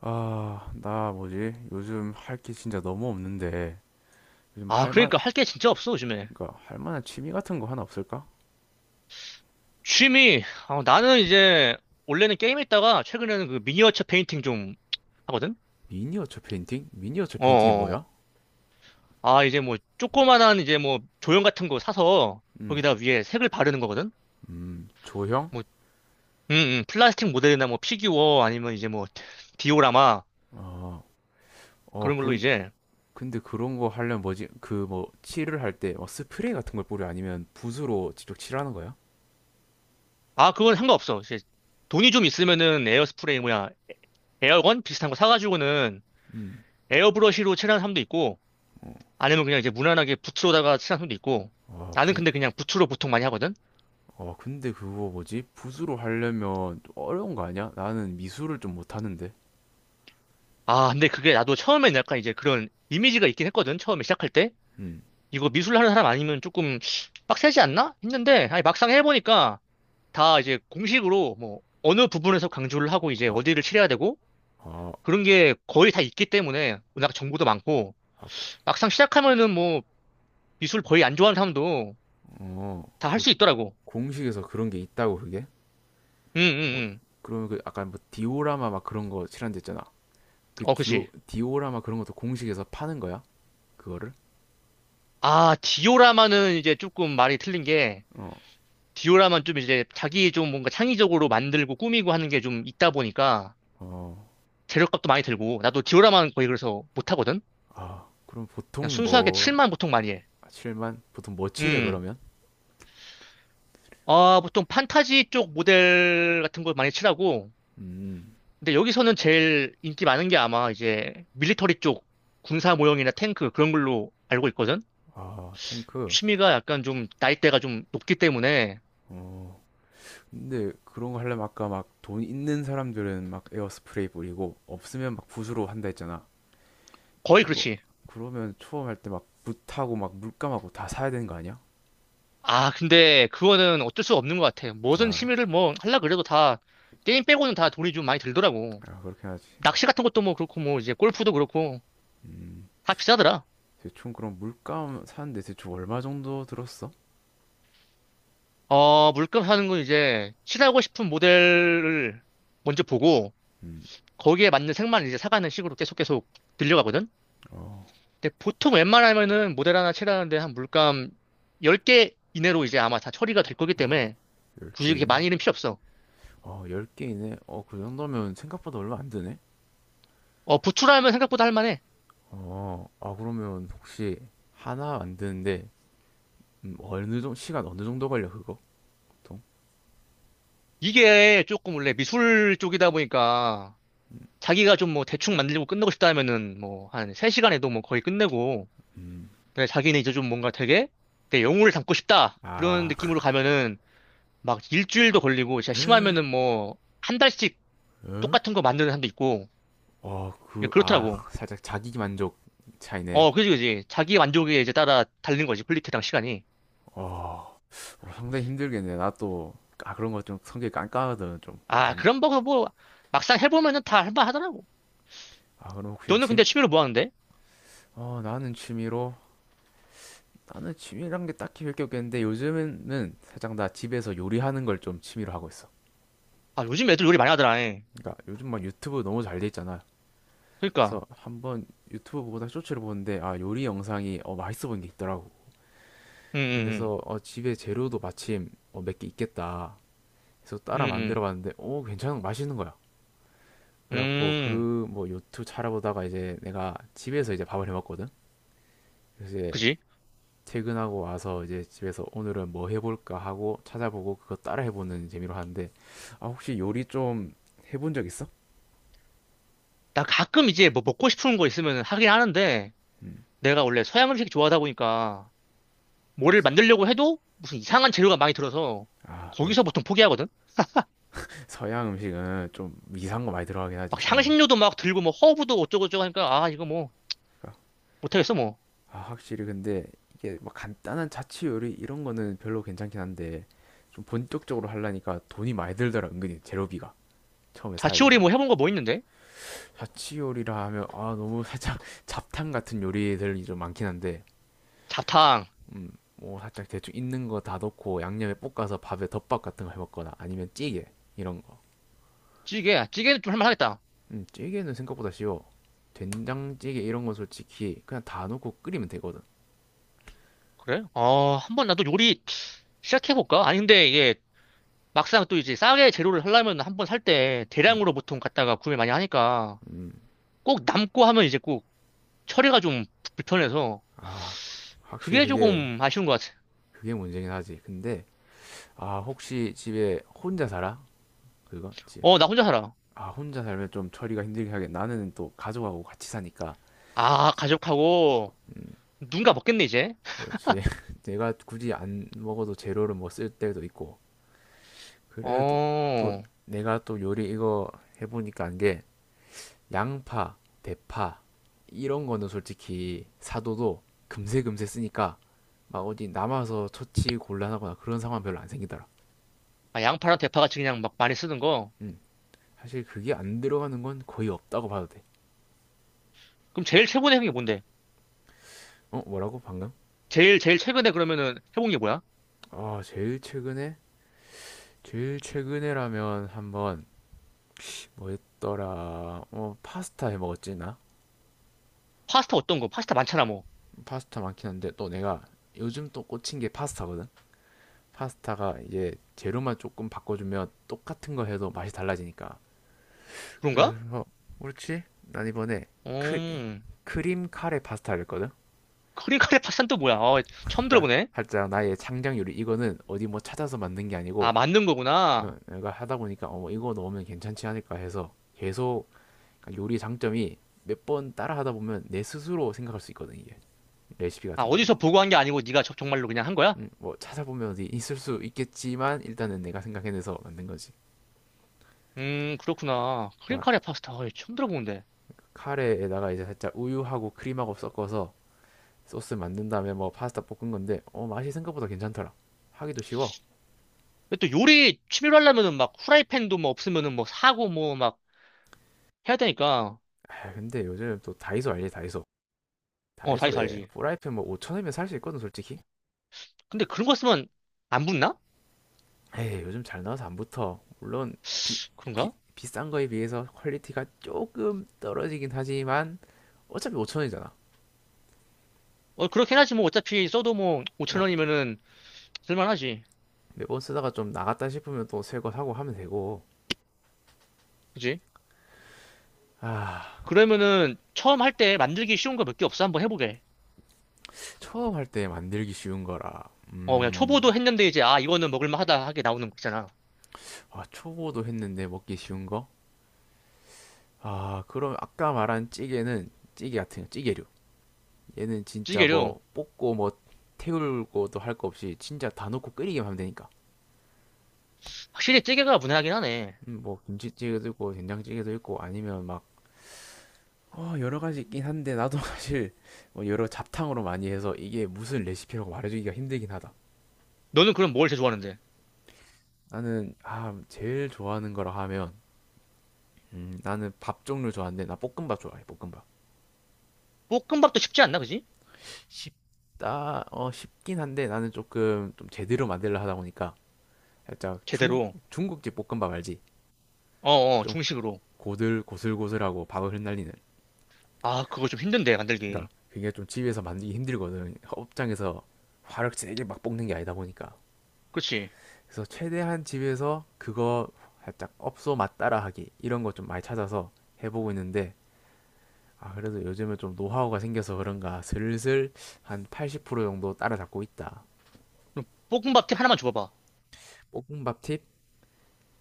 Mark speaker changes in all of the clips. Speaker 1: 나 뭐지? 요즘 할 게 진짜 너무 없는데 요즘
Speaker 2: 아,
Speaker 1: 할 만,
Speaker 2: 그러니까 할 게 진짜 없어, 요즘에.
Speaker 1: 그러니까 할 만한 취미 같은 거 하나 없을까?
Speaker 2: 취미, 아, 나는 이제, 원래는 게임 했다가, 최근에는 그 미니어처 페인팅 좀 하거든?
Speaker 1: 미니어처 페인팅? 미니어처 페인팅이
Speaker 2: 어어.
Speaker 1: 뭐야?
Speaker 2: 아, 이제 뭐, 조그만한 이제 뭐, 조형 같은 거 사서,
Speaker 1: 음,
Speaker 2: 거기다 위에 색을 바르는 거거든?
Speaker 1: 조형?
Speaker 2: 뭐, 플라스틱 모델이나 뭐, 피규어, 아니면 이제 뭐, 디오라마,
Speaker 1: 어, 어,
Speaker 2: 그런 걸로
Speaker 1: 그,
Speaker 2: 이제.
Speaker 1: 근데 그런 거 하려면 뭐지? 칠을 할 때 뭐 스프레이 같은 걸 뿌려 아니면 붓으로 직접 칠하는 거야?
Speaker 2: 아, 그건 상관없어. 이제, 돈이 좀 있으면은 에어스프레이, 뭐야, 에어건? 비슷한 거 사가지고는
Speaker 1: 음.
Speaker 2: 에어브러쉬로 칠하는 사람도 있고,
Speaker 1: 어.
Speaker 2: 아니면 그냥 이제 무난하게 부츠로다가 친한 손도 있고.
Speaker 1: 아,
Speaker 2: 나는
Speaker 1: 부,
Speaker 2: 근데 그냥 부츠로 보통 많이 하거든.
Speaker 1: 어, 근데 그거 뭐지? 붓으로 하려면 좀 어려운 거 아니야? 나는 미술을 좀 못하는데.
Speaker 2: 아 근데 그게 나도 처음엔 약간 이제 그런 이미지가 있긴 했거든. 처음에 시작할 때
Speaker 1: 음.
Speaker 2: 이거 미술 하는 사람 아니면 조금 빡세지 않나 했는데, 아니 막상 해보니까 다 이제 공식으로 뭐 어느 부분에서 강조를 하고 이제
Speaker 1: 아.
Speaker 2: 어디를 칠해야 되고
Speaker 1: 아.
Speaker 2: 그런 게 거의 다 있기 때문에, 워낙 정보도 많고
Speaker 1: 아.
Speaker 2: 막상 시작하면은 뭐 미술 거의 안 좋아하는 사람도
Speaker 1: 어.
Speaker 2: 다 할
Speaker 1: 그
Speaker 2: 수 있더라고.
Speaker 1: 공식에서 그런 게 있다고 그게? 어,
Speaker 2: 응응응.
Speaker 1: 그러면 그 아까 뭐 디오라마 막 그런 거 칠한댔잖아. 그
Speaker 2: 어
Speaker 1: 디오
Speaker 2: 그치.
Speaker 1: 디오라마 그런 것도 공식에서 파는 거야? 그거를?
Speaker 2: 아 디오라마는 이제 조금 말이 틀린 게,
Speaker 1: 어.
Speaker 2: 디오라만 좀 이제 자기 좀 뭔가 창의적으로 만들고 꾸미고 하는 게 좀 있다 보니까
Speaker 1: 어.
Speaker 2: 재료값도 많이 들고, 나도 디오라만 거의 그래서 못 하거든.
Speaker 1: 아, 그럼
Speaker 2: 그냥
Speaker 1: 보통
Speaker 2: 순수하게
Speaker 1: 뭐
Speaker 2: 칠만 보통 많이 해.
Speaker 1: 칠만 보통 뭐 칠해
Speaker 2: 음.
Speaker 1: 그러면?
Speaker 2: 아, 보통 판타지 쪽 모델 같은 걸 많이 칠하고,
Speaker 1: 음.
Speaker 2: 근데 여기서는 제일 인기 많은 게 아마 이제 밀리터리 쪽 군사 모형이나 탱크 그런 걸로 알고 있거든.
Speaker 1: 아, 탱크.
Speaker 2: 취미가 약간 좀 나이대가 좀 높기 때문에.
Speaker 1: 어. 근데 그런 거 하려면 아까 막 돈 있는 사람들은 막 에어스프레이 뿌리고 없으면 막 붓으로 한다 했잖아.
Speaker 2: 거의
Speaker 1: 이거
Speaker 2: 그렇지.
Speaker 1: 그러면 처음 할 때 막 붓하고 막 물감하고 다 사야 되는 거 아니야?
Speaker 2: 아, 근데 그거는 어쩔 수 없는 것 같아. 무슨
Speaker 1: 아,
Speaker 2: 취미를 뭐 하려 그래도 다 게임 빼고는 다 돈이 좀 많이 들더라고.
Speaker 1: 아 그렇게 하지.
Speaker 2: 낚시 같은 것도 뭐 그렇고 뭐 이제 골프도 그렇고
Speaker 1: 음.
Speaker 2: 다 비싸더라.
Speaker 1: 대충 그럼 물감 사는데 대충 얼마 정도 들었어?
Speaker 2: 어, 물감 사는 건 이제 칠하고 싶은 모델을 먼저 보고
Speaker 1: 음,
Speaker 2: 거기에 맞는 색만 이제 사가는 식으로 계속 계속 들려가거든.
Speaker 1: 어,
Speaker 2: 근데 보통 웬만하면은 모델 하나 칠하는데 한 물감 10개 이내로 이제 아마 다 처리가 될 거기 때문에 굳이 이렇게
Speaker 1: 10개네.
Speaker 2: 많이는 필요 없어.
Speaker 1: 어, 10개이네. 어, 그 정도면 생각보다 얼마 안 드네.
Speaker 2: 어, 부추라면 생각보다 할만해.
Speaker 1: 어, 아, 그러면 혹시 하나 만드는데, 어느 정도, 시간 어느 정도 걸려, 그거? 보통?
Speaker 2: 이게 조금 원래 미술 쪽이다 보니까 자기가 좀 뭐 대충 만들고 끝내고 싶다 하면은 뭐 한 3시간에도 뭐 거의 끝내고,
Speaker 1: 음.
Speaker 2: 근데 자기는 이제 좀 뭔가 되게 내 영혼을 담고 싶다 그런
Speaker 1: 아.
Speaker 2: 느낌으로 가면은 막 일주일도 걸리고 진짜 심하면은 뭐 한 달씩
Speaker 1: 응?
Speaker 2: 똑같은 거 만드는 사람도 있고. 예, 그렇더라고.
Speaker 1: 살짝 자기 만족 차이네.
Speaker 2: 어 그지 그지, 자기 만족에 이제 따라 다른 거지, 퀄리티랑 시간이.
Speaker 1: 어. 어. 상당히 힘들겠네. 나 또, 아, 그런 거 좀 성격이 깐깐하거든, 좀.
Speaker 2: 아 그런 거뭐 막상 해보면은 다 할만하더라고.
Speaker 1: 아, 그럼 혹시
Speaker 2: 너는
Speaker 1: 진,
Speaker 2: 근데 취미로 뭐 하는데?
Speaker 1: 어, 나는 취미로 나는 취미란 게 딱히 별게 없겠는데 요즘에는 살짝 나 집에서 요리하는 걸 좀 취미로 하고 있어.
Speaker 2: 아 요즘 애들 요리 많이 하더라 예.
Speaker 1: 그러니까 요즘 막 유튜브 너무 잘 돼 있잖아. 그래서
Speaker 2: 그러니까.
Speaker 1: 한번 유튜브 보다 쇼츠를 보는데 아 요리 영상이 어 맛있어 보인 게 있더라고.
Speaker 2: 응응응.
Speaker 1: 그래서 어 집에 재료도 마침 어, 몇 개 있겠다. 그래서 따라
Speaker 2: 응응.
Speaker 1: 만들어 봤는데 오 괜찮은 맛있는 거야. 그래갖고
Speaker 2: 음,
Speaker 1: 그 뭐 유튜브 찾아보다가 이제 내가 집에서 이제 밥을 해 먹거든. 그래서 이제
Speaker 2: 그지?
Speaker 1: 퇴근하고 와서 이제 집에서 오늘은 뭐 해볼까 하고 찾아보고 그거 따라 해보는 재미로 하는데 아 혹시 요리 좀 해본 적 있어?
Speaker 2: 나 가끔 이제 뭐 먹고 싶은 거 있으면 하긴 하는데,
Speaker 1: 음
Speaker 2: 내가 원래 서양 음식 좋아하다 보니까, 뭐를
Speaker 1: 없어.
Speaker 2: 만들려고 해도 무슨 이상한 재료가 많이 들어서,
Speaker 1: 아 그래.
Speaker 2: 거기서 보통 포기하거든?
Speaker 1: 서양 음식은 좀 이상한 거 많이 들어가긴 하지
Speaker 2: 막
Speaker 1: 서양 음식.
Speaker 2: 향신료도 막 들고 뭐 허브도 어쩌고저쩌고 하니까, 아, 이거 뭐, 못하겠어 뭐.
Speaker 1: 아 확실히 근데 이게 막 간단한 자취 요리 이런 거는 별로 괜찮긴 한데 좀 본격적으로 하려니까 돈이 많이 들더라 은근히 재료비가 처음에 사야 되는
Speaker 2: 자취요리
Speaker 1: 게
Speaker 2: 뭐 해본 거 뭐 있는데?
Speaker 1: 자취 요리라 하면 아 너무 살짝 잡탕 같은 요리들이 좀 많긴 한데
Speaker 2: 잡탕,
Speaker 1: 음, 뭐 살짝 대충 있는 거 다 넣고 양념에 볶아서 밥에 덮밥 같은 거 해먹거나 아니면 찌개 이런 거.
Speaker 2: 찌개, 아, 찌개는 좀 할만하겠다.
Speaker 1: 찌개는 생각보다 쉬워. 된장찌개 이런 건 솔직히 그냥 다 넣고 끓이면 되거든.
Speaker 2: 그래? 어, 한번 나도 요리 시작해볼까? 아니, 근데 이게 막상 또 이제 싸게 재료를 하려면 한번 살 때
Speaker 1: 음.
Speaker 2: 대량으로 보통 갖다가 구매 많이 하니까,
Speaker 1: 음.
Speaker 2: 꼭 남고 하면 이제 꼭 처리가 좀 불편해서
Speaker 1: 아, 확실히
Speaker 2: 그게
Speaker 1: 그게
Speaker 2: 조금 아쉬운 것 같아.
Speaker 1: 그게 문제긴 하지. 근데 아 혹시 집에 혼자 살아? 그거 집.
Speaker 2: 어, 나 혼자 살아.
Speaker 1: 아 혼자 살면 좀 처리가 힘들긴 하겠 나는 또 가족하고 같이 사니까.
Speaker 2: 아, 가족하고 누군가 먹겠네, 이제.
Speaker 1: 그렇지. 내가 굳이 안 먹어도 재료를 뭐 쓸 때도 있고. 그래도 또
Speaker 2: 어,
Speaker 1: 내가 또 요리 이거 해보니까 한 게 양파, 대파 이런 거는 솔직히 사도도 금세 금세 쓰니까 막 어디 남아서 처치 곤란하거나 그런 상황 별로 안 생기더라.
Speaker 2: 아, 양파랑 대파같이 그냥 막 많이 쓰는 거.
Speaker 1: 음, 사실 그게 안 들어가는 건 거의 없다고 봐도 돼.
Speaker 2: 그럼 제일 최근에 해본 게 뭔데?
Speaker 1: 어, 뭐라고 방금?
Speaker 2: 제일, 제일 최근에 그러면은 해본 게 뭐야?
Speaker 1: 아, 제일 최근에 제일 최근에라면 한번 뭐 했더라? 어, 파스타 해 먹었지 나.
Speaker 2: 파스타 어떤 거? 파스타 많잖아, 뭐.
Speaker 1: 파스타 많긴 한데 또 내가 요즘 또 꽂힌 게 파스타거든. 파스타가 이제 재료만 조금 바꿔주면 똑같은 거 해도 맛이 달라지니까.
Speaker 2: 그런가?
Speaker 1: 그래서 그렇지? 난 이번에 크,
Speaker 2: 음,
Speaker 1: 크림 카레 파스타를 했거든.
Speaker 2: 크림 카레 파스타는 또 뭐야? 어, 처음
Speaker 1: 그러니까
Speaker 2: 들어보네.
Speaker 1: 살짝 나의 창작 요리 이거는 어디 뭐 찾아서 만든 게
Speaker 2: 아,
Speaker 1: 아니고
Speaker 2: 만든
Speaker 1: 어,
Speaker 2: 거구나.
Speaker 1: 내가 하다 보니까 어 뭐 이거 넣으면 괜찮지 않을까 해서 계속 그러니까 요리 장점이 몇 번 따라 하다 보면 내 스스로 생각할 수 있거든 이게 레시피
Speaker 2: 아,
Speaker 1: 같은 거를
Speaker 2: 어디서 보고 한 게 아니고 네가 정말로 그냥 한 거야?
Speaker 1: 뭐 찾아보면 어디 있을 수 있겠지만 일단은 내가 생각해내서 만든 거지.
Speaker 2: 그렇구나. 크림
Speaker 1: 그러니까
Speaker 2: 카레 파스타. 어, 처음 들어보는데.
Speaker 1: 카레에다가 이제 살짝 우유하고 크림하고 섞어서 소스 만든 다음에 뭐 파스타 볶은 건데 어 맛이 생각보다 괜찮더라. 하기도 쉬워.
Speaker 2: 근데 또 요리 취미로 하려면은 막 후라이팬도 뭐 없으면은 뭐 사고 뭐 막 해야 되니까.
Speaker 1: 아 근데 요즘 또 다이소 알지 다이소.
Speaker 2: 어 다시
Speaker 1: 다이소에
Speaker 2: 살지.
Speaker 1: 프라이팬 뭐 5천원이면 살 수 있거든 솔직히.
Speaker 2: 근데 그런 거 쓰면 안 붙나?
Speaker 1: 에이 요즘 잘 나와서 안 붙어. 물론 비,
Speaker 2: 그런가?
Speaker 1: 비싼 거에 비해서 퀄리티가 조금 떨어지긴 하지만 어차피 5천원이잖아.
Speaker 2: 어 그렇긴 하지 뭐 어차피 써도 뭐 5천
Speaker 1: 그냥
Speaker 2: 원이면은 쓸만하지.
Speaker 1: 매번 쓰다가 좀 나갔다 싶으면 또 새거 사고 하면 되고.
Speaker 2: 그지?
Speaker 1: 아
Speaker 2: 그러면은 처음 할때 만들기 쉬운 거 몇개 없어? 한번 해보게.
Speaker 1: 처음 할 때 만들기 쉬운 거라.
Speaker 2: 어 그냥 초보도 했는데 이제 아 이거는 먹을만하다 하게 나오는 거 있잖아.
Speaker 1: 아, 초보도 했는데 먹기 쉬운 거? 아, 그럼 아까 말한 찌개는 찌개 같은 거, 찌개류. 얘는 진짜
Speaker 2: 찌개류.
Speaker 1: 뭐 볶고 뭐 태울고도 할 거 없이 진짜 다 넣고 끓이기만 하면 되니까.
Speaker 2: 확실히 찌개가 무난하긴 하네.
Speaker 1: 뭐 김치찌개도 있고 된장찌개도 있고 아니면 막 어, 여러 가지 있긴 한데 나도 사실 뭐 여러 잡탕으로 많이 해서 이게 무슨 레시피라고 말해주기가 힘들긴 하다.
Speaker 2: 너는 그럼 뭘 제일 좋아하는데?
Speaker 1: 나는 아, 제일 좋아하는 거라 하면 나는 밥 종류 좋아하는데 나 볶음밥 좋아해. 볶음밥.
Speaker 2: 볶음밥도 쉽지 않나 그지?
Speaker 1: 쉽다, 어, 쉽긴 한데 나는 조금 좀 제대로 만들려 하다 보니까 살짝 중국,
Speaker 2: 제대로.
Speaker 1: 중국집 볶음밥 알지?
Speaker 2: 어어
Speaker 1: 좀
Speaker 2: 중식으로.
Speaker 1: 고슬고슬하고 밥을 흩날리는.
Speaker 2: 아 그거 좀 힘든데
Speaker 1: 그러니까
Speaker 2: 만들기.
Speaker 1: 그게 좀 집에서 만들기 힘들거든. 업장에서 화를 세게 막 볶는 게 아니다 보니까.
Speaker 2: 그렇지.
Speaker 1: 그래서 최대한 집에서 그거 살짝 업소 맛 따라하기 이런 거 좀 많이 찾아서 해보고 있는데 아, 그래도 요즘에 좀 노하우가 생겨서 그런가 슬슬 한 80% 정도 따라잡고 있다.
Speaker 2: 그럼 볶음밥팁 하나만 줘봐봐.
Speaker 1: 볶음밥 팁?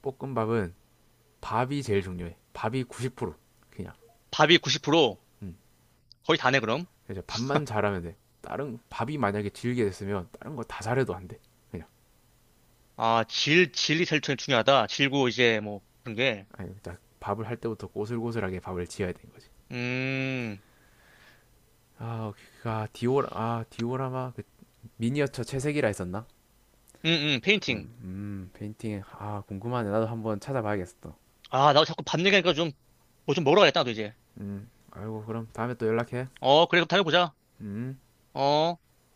Speaker 1: 볶음밥은 밥이 제일 중요해. 밥이 90% 그냥.
Speaker 2: 밥이 90%.
Speaker 1: 음.
Speaker 2: 거의 다네, 그럼.
Speaker 1: 그래서 밥만 잘하면 돼. 다른 밥이 만약에 질게 됐으면 다른 거 다 잘해도 안 돼. 그냥.
Speaker 2: 아, 질이 제일 중요하다. 질고 이제 뭐 그런 게.
Speaker 1: 아니, 딱 밥을 할 때부터 꼬슬꼬슬하게 밥을 지어야 되는 거지.
Speaker 2: 음,
Speaker 1: 아, 그- 아 디오라 아 디오라마 그 미니어처 채색이라 했었나?
Speaker 2: 음, 페인팅.
Speaker 1: 페인팅 아 궁금하네. 나도 한번 찾아봐야겠어. 또.
Speaker 2: 아, 나도 자꾸 밥 얘기하니까 좀, 뭐 좀 먹으러 가야겠다, 나도 이제.
Speaker 1: 아이고 그럼 다음에 또 연락해.
Speaker 2: 어, 그래, 그럼 다음에 보자.
Speaker 1: 음.
Speaker 2: 어.